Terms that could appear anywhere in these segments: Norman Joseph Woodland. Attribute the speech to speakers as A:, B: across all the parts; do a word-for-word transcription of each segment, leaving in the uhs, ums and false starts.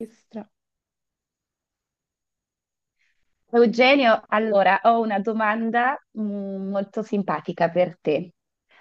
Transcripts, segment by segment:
A: Maestra. Eugenio, allora ho una domanda mm, molto simpatica per te.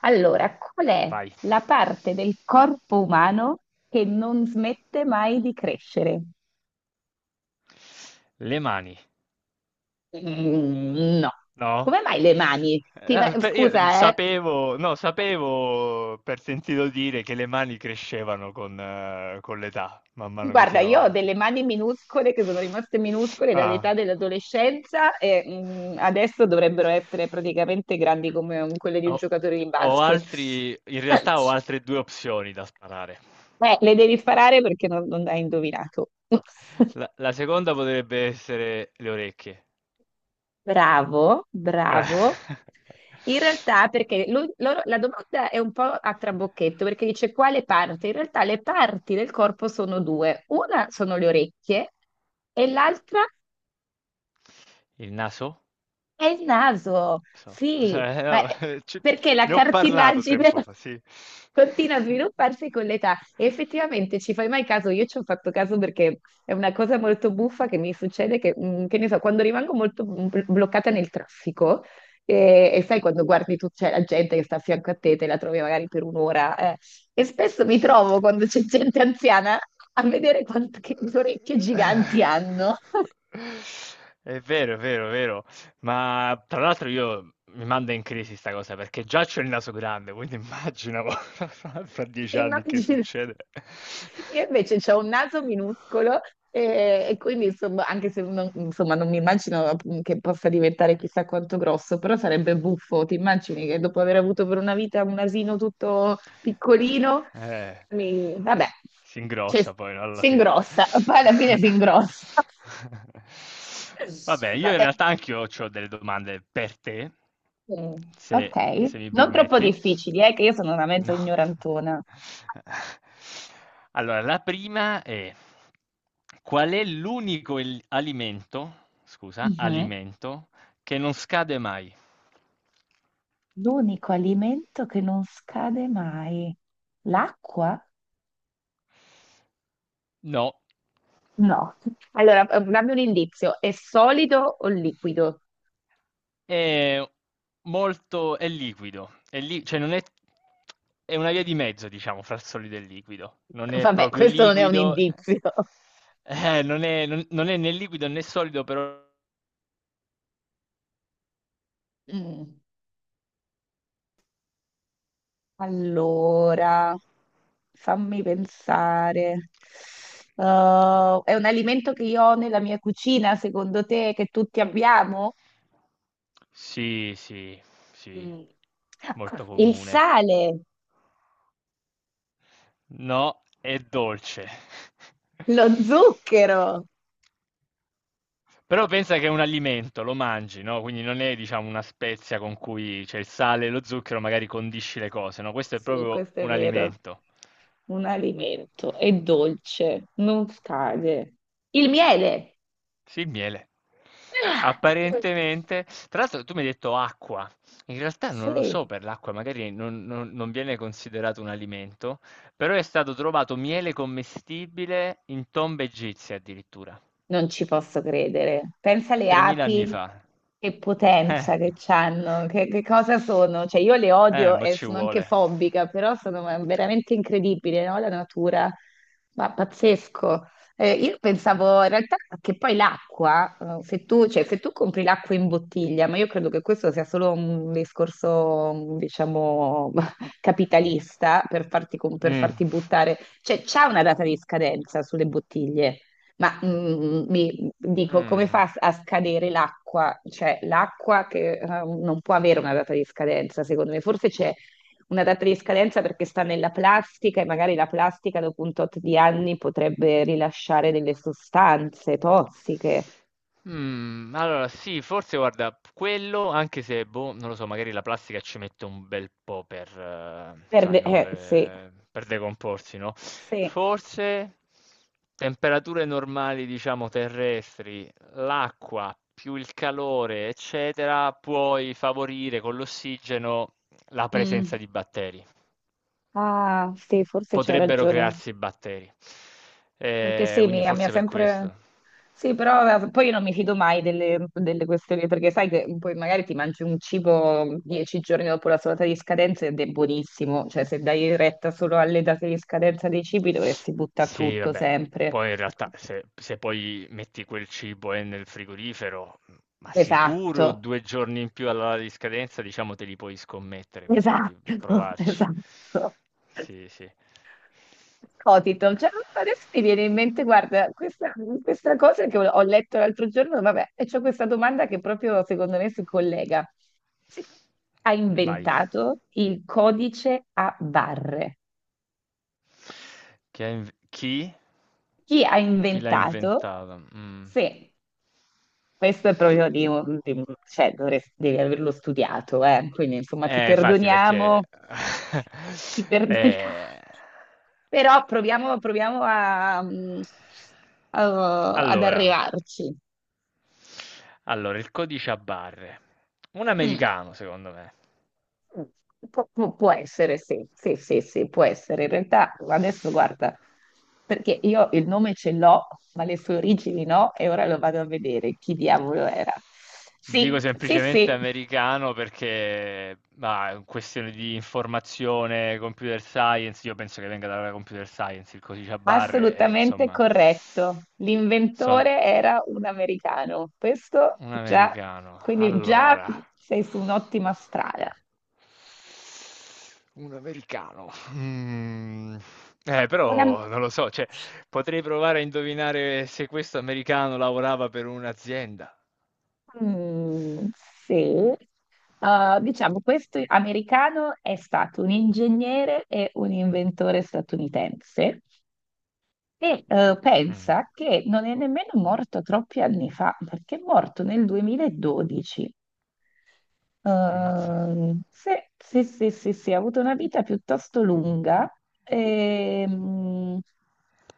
A: Allora, qual è
B: Vai.
A: la parte del corpo umano che non smette mai di crescere?
B: Le mani,
A: Mm, no.
B: no?
A: Come mai le mani? Ti
B: Eh,
A: ma-
B: per- Io
A: Scusa, eh.
B: sapevo, no, sapevo per sentito dire che le mani crescevano con, eh, con l'età, man mano che si
A: Guarda,
B: va
A: io ho
B: avanti.
A: delle mani minuscole che sono rimaste minuscole dall'età
B: Ah.
A: dell'adolescenza e mm, adesso dovrebbero essere praticamente grandi come um, quelle di un
B: Ho,
A: giocatore di
B: ho
A: basket.
B: altri, in realtà ho altre due opzioni da sparare.
A: Eh, le devi sparare perché non, non hai indovinato.
B: La, la seconda potrebbe essere le orecchie.
A: Bravo,
B: Eh.
A: bravo. In realtà, perché lui- loro- la domanda è un po' a trabocchetto, perché dice quale parte? In realtà le parti del corpo sono due. Una sono le orecchie e l'altra?
B: Il naso?
A: È il naso,
B: So.
A: sì,
B: Cioè, eh,
A: ma è-
B: no, ci-
A: perché la
B: ne ho parlato
A: cartilagine
B: tempo fa, sì.
A: continua a svilupparsi con l'età e effettivamente ci fai mai caso? Io ci ho fatto caso perché è una cosa molto buffa che mi succede che, mm, che ne so, quando rimango molto mm, bl- bloccata nel traffico e, e sai quando guardi tu, c'è la gente che sta a fianco a te, te la trovi magari per un'ora eh, e spesso mi trovo quando c'è gente anziana a vedere quante che orecchie giganti hanno.
B: È vero, è vero, è vero. Ma tra l'altro io mi manda in crisi sta cosa perché già c'ho il naso grande, quindi immagino fra fra dieci anni che
A: Immagino.
B: succede.
A: Io invece ho un naso minuscolo e, e quindi insomma, anche se non, insomma, non mi immagino che possa diventare chissà quanto grosso, però sarebbe buffo. Ti immagini che dopo aver avuto per una vita un asino tutto piccolino,
B: Eh,
A: mi- vabbè,
B: s Si
A: cioè,
B: ingrossa poi, no, alla
A: si
B: fine.
A: ingrossa, poi alla fine si ingrossa.
B: Vabbè, io in
A: Vabbè.
B: realtà anch'io c'ho delle domande per te,
A: Mm,
B: se
A: ok,
B: se mi
A: non troppo
B: permetti.
A: difficili, eh, che io sono una mezza
B: No.
A: ignorantona.
B: Allora, la prima è: qual è l'unico el- alimento, scusa,
A: Mhm.
B: alimento che non scade mai?
A: L'unico alimento che non scade mai, l'acqua?
B: No,
A: No. Allora, eh, dammi un indizio. È solido o liquido?
B: è molto, è liquido, è li- cioè non è, è una via di mezzo, diciamo, fra il solido e il liquido. Non è
A: Vabbè,
B: proprio
A: questo non è un
B: liquido,
A: indizio.
B: eh, non è, non- non è né liquido né solido, però...
A: Mm, allora, fammi pensare. Uh, è un alimento che io ho nella mia cucina, secondo te, che tutti abbiamo?
B: Sì, sì, sì,
A: Mm.
B: molto
A: Il
B: comune.
A: sale,
B: No, è dolce.
A: lo zucchero.
B: Però pensa che è un alimento, lo mangi, no? Quindi non è, diciamo, una spezia con cui c'è il sale e lo zucchero, magari condisci le cose, no? Questo è
A: Sì,
B: proprio
A: questo è
B: un
A: vero.
B: alimento.
A: Un alimento, è dolce, non scade. Il miele.
B: Sì, il miele.
A: Ah!
B: Apparentemente, tra l'altro tu mi hai detto acqua, in realtà non lo
A: Sì,
B: so per l'acqua, magari non, non- non viene considerato un alimento, però è stato trovato miele commestibile in tombe egizie addirittura.
A: non ci posso credere. Pensa alle
B: tremila anni
A: api,
B: fa.
A: che
B: Eh.
A: potenza che hanno, che, che cosa sono. Cioè, io le
B: Eh,
A: odio
B: mo'
A: e
B: ci
A: sono anche
B: vuole.
A: fobica, però sono veramente incredibili, no? La natura, ma pazzesco. Eh, io pensavo in realtà che poi l'acqua, eh, se tu, cioè, se tu compri l'acqua in bottiglia, ma io credo che questo sia solo un discorso, diciamo, capitalista per farti, com- per
B: Mm.
A: farti buttare, cioè c'è una data di scadenza sulle bottiglie. Ma mm, mm, mi dico, come
B: Mm.
A: fa a scadere l'acqua? Cioè, l'acqua che eh, non può avere una data di scadenza, secondo me. Forse c'è una data di scadenza perché sta nella plastica e magari la plastica dopo un tot di anni potrebbe rilasciare delle sostanze tossiche.
B: Mm, allora sì, forse guarda, quello, anche se, boh, non lo so, magari la plastica ci mette un bel po' per, eh, sai,
A: Perde...
B: no,
A: Eh, sì,
B: eh, per decomporsi, no?
A: sì.
B: Forse temperature normali, diciamo, terrestri, l'acqua più il calore, eccetera, puoi favorire con l'ossigeno la presenza
A: Mm.
B: di batteri.
A: Ah, sì, forse c'hai
B: Potrebbero
A: ragione.
B: crearsi batteri.
A: Perché
B: Eh,
A: sì,
B: quindi
A: mi, mi ha
B: forse per
A: sempre...
B: questo.
A: Sì, però eh, poi io non mi fido mai delle, delle questioni, perché sai che poi magari ti mangi un cibo dieci giorni dopo la sua data di scadenza ed è buonissimo, cioè se dai retta solo alle date di scadenza dei cibi dovresti buttare
B: Sì,
A: tutto
B: vabbè.
A: sempre.
B: Poi in realtà se, se poi metti quel cibo eh, nel frigorifero, mm, ma sicuro
A: Esatto,
B: due giorni in più alla data di scadenza, diciamo, te li puoi scommettere, così puoi
A: esatto,
B: provarci.
A: esatto.
B: Sì, sì.
A: Scotito, cioè, adesso mi viene in mente, guarda, questa, questa cosa che ho ho letto l'altro giorno, vabbè, e c'ho questa domanda che proprio secondo me si collega. Chi ha
B: Vai.
A: inventato il codice a barre?
B: Chi? ha inv- chi?
A: Chi ha
B: Chi l'ha
A: inventato?
B: inventata? Mm.
A: Sì, questo è proprio di, un- di un- cioè, dovresti- devi averlo studiato, eh. Quindi insomma ti
B: Eh, infatti perché
A: perdoniamo, ti perdoniamo.
B: ehm,
A: Però proviamo, proviamo a, mm, a- ad
B: allora
A: arrivarci.
B: allora, il codice a barre. Un
A: Mm.
B: americano, secondo me.
A: Pu- pu- può essere, sì, sì, sì, sì, può essere. In realtà, adesso guarda, perché io il nome ce l'ho, ma le sue origini no, e ora lo vado a vedere chi diavolo era.
B: Dico
A: Sì, sì,
B: semplicemente
A: sì,
B: americano perché, ma è questione di informazione, computer science, io penso che venga dalla computer science il codice a barre, e,
A: assolutamente
B: insomma,
A: corretto.
B: so-
A: L'inventore era un americano. Questo
B: Un
A: già,
B: americano.
A: quindi già
B: Allora,
A: sei su un'ottima strada.
B: un americano. Mm. Eh,
A: Una...
B: però non lo so, cioè, potrei provare a indovinare se questo americano lavorava per un'azienda.
A: Mm, sì, uh, diciamo, questo americano è stato un ingegnere e un inventore statunitense e eh,
B: Mm.
A: pensa che non è nemmeno morto troppi anni fa, perché è morto nel duemiladodici.
B: Ammazza.
A: Ehm, sì, sì, sì, sì, sì, ha avuto una vita piuttosto lunga, ehm,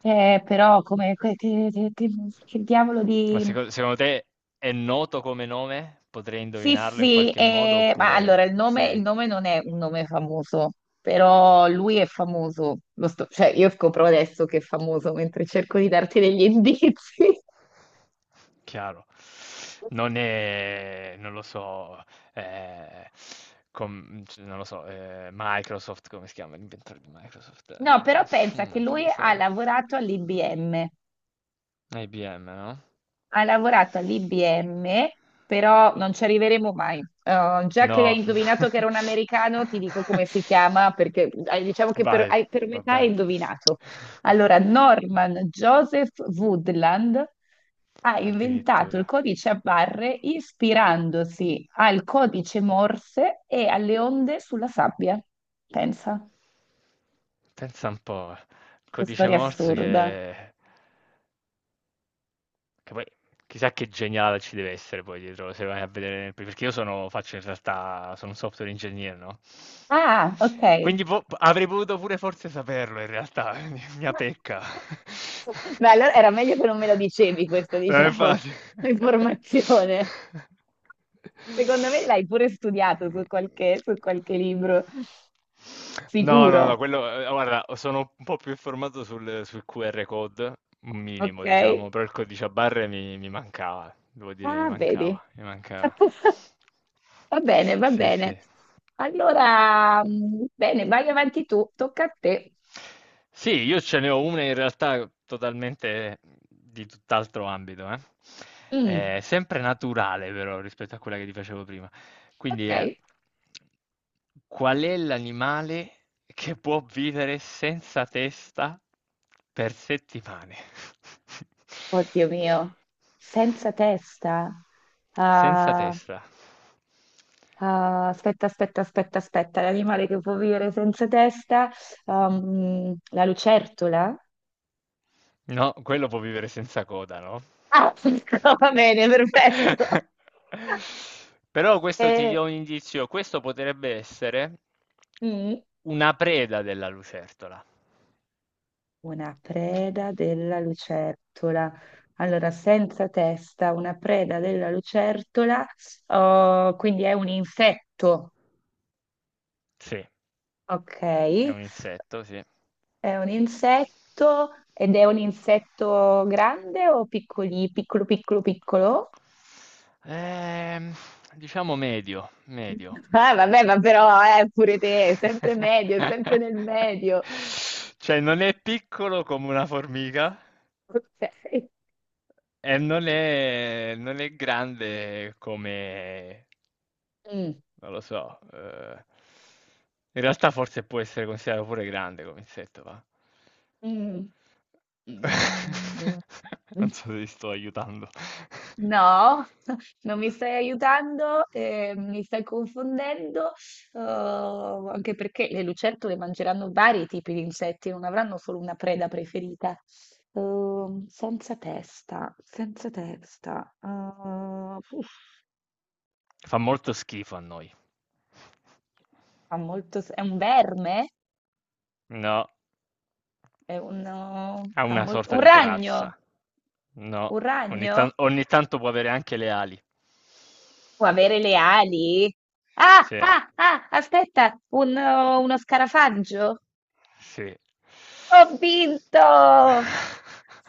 A: eh, però come, che, che- che- che diavolo
B: Ma
A: di...
B: seco- secondo te è noto come nome? Potrei
A: Sì,
B: indovinarlo in
A: sì,
B: qualche modo
A: eh, ma
B: oppure
A: allora il nome, il
B: sì.
A: nome non è un nome famoso, però lui è famoso. Lo sto- cioè, io scopro adesso che è famoso mentre cerco di darti degli indizi.
B: Chiaro. Non è non lo so, ehm, com c non lo so, ehm, Microsoft, come si chiama l'inventore di Microsoft?
A: No, però
B: Ehm,
A: pensa che
B: mannaggia, non
A: lui
B: mi sta
A: ha
B: ven
A: lavorato all'I B M.
B: I B M, no?
A: Ha lavorato all'I B M, però non ci arriveremo mai. Eh, già che hai
B: No.
A: indovinato che era un americano, ti dico come si chiama, perché eh, diciamo che per,
B: Vai,
A: hai- per
B: va
A: metà hai
B: bene.
A: indovinato. Allora, Norman Joseph Woodland ha inventato il
B: Addirittura.
A: codice a barre ispirandosi al codice Morse e alle onde sulla sabbia. Pensa,
B: Pensa un po', il
A: che
B: codice
A: storia
B: Morse
A: assurda.
B: che... Che poi chissà che geniale ci deve essere poi dietro, se vai a vedere, perché io sono, faccio in realtà, sono un software engineer, no?
A: Ah, ok.
B: Quindi po- avrei potuto pure forse saperlo in realtà, mia pecca.
A: Beh, allora era meglio che non me lo dicevi questa,
B: Non è
A: diciamo,
B: facile.
A: informazione. Secondo me l'hai pure studiato su qualche, su qualche libro,
B: No, no, no,
A: sicuro,
B: quello, eh, guarda, sono un po' più informato sul, sul Q R code, un
A: ok?
B: minimo, diciamo, però il codice a barre mi, mi mancava, devo dire, mi
A: Ah, vedi.
B: mancava, mi mancava.
A: Va bene, va
B: Sì,
A: bene.
B: sì.
A: Allora, mm, bene, vai avanti tu, tocca a te.
B: Sì, io ce ne ho una in realtà totalmente di tutt'altro ambito, eh.
A: Mm,
B: È sempre naturale però rispetto a quella che ti facevo prima. Quindi è
A: ok.
B: qual è l'animale che può vivere senza testa per settimane?
A: Oddio mio, senza testa.
B: Senza
A: Ah,
B: testa.
A: ah, aspetta, aspetta, aspetta, aspetta, l'animale che può vivere senza testa, ehm, la lucertola?
B: No, quello può vivere senza coda, no?
A: Ah, va bene, perfetto.
B: Però questo ti
A: Eh,
B: do un indizio, questo potrebbe essere
A: mm,
B: una preda della lucertola.
A: una preda della lucertola. Allora, senza testa, una preda della lucertola, oh, quindi è un insetto,
B: Sì, è
A: ok?
B: un insetto, sì.
A: È un insetto ed è un insetto grande o piccoli, piccolo, piccolo, piccolo?
B: Ehm, diciamo medio, medio.
A: Ah, vabbè, ma però eh, pure te, è sempre medio, è sempre nel medio.
B: Cioè, non è piccolo come una formica.
A: Ok.
B: Eh, non è, non è grande come,
A: Mm,
B: non lo so, eh, in realtà forse può essere considerato pure grande come insetto, va.
A: mm, mm, mm, mm.
B: Non so se ti sto aiutando.
A: No, non mi stai aiutando, eh, mi stai confondendo, oh, anche perché le lucertole mangeranno vari tipi di insetti, non avranno solo una preda preferita. Ehm, senza testa, senza testa. Ah, uff,
B: Fa molto schifo a noi.
A: ha molto, se- è un verme?
B: No,
A: È uno-
B: ha
A: ha
B: una
A: mol- Un
B: sorta di
A: ragno,
B: corazza. No,
A: un
B: ogni,
A: ragno
B: tan- ogni tanto può avere anche le ali.
A: può avere le ali. Ah,
B: Sì.
A: ah, ah, aspetta, un- uno scarafaggio.
B: Sì.
A: Ho vinto!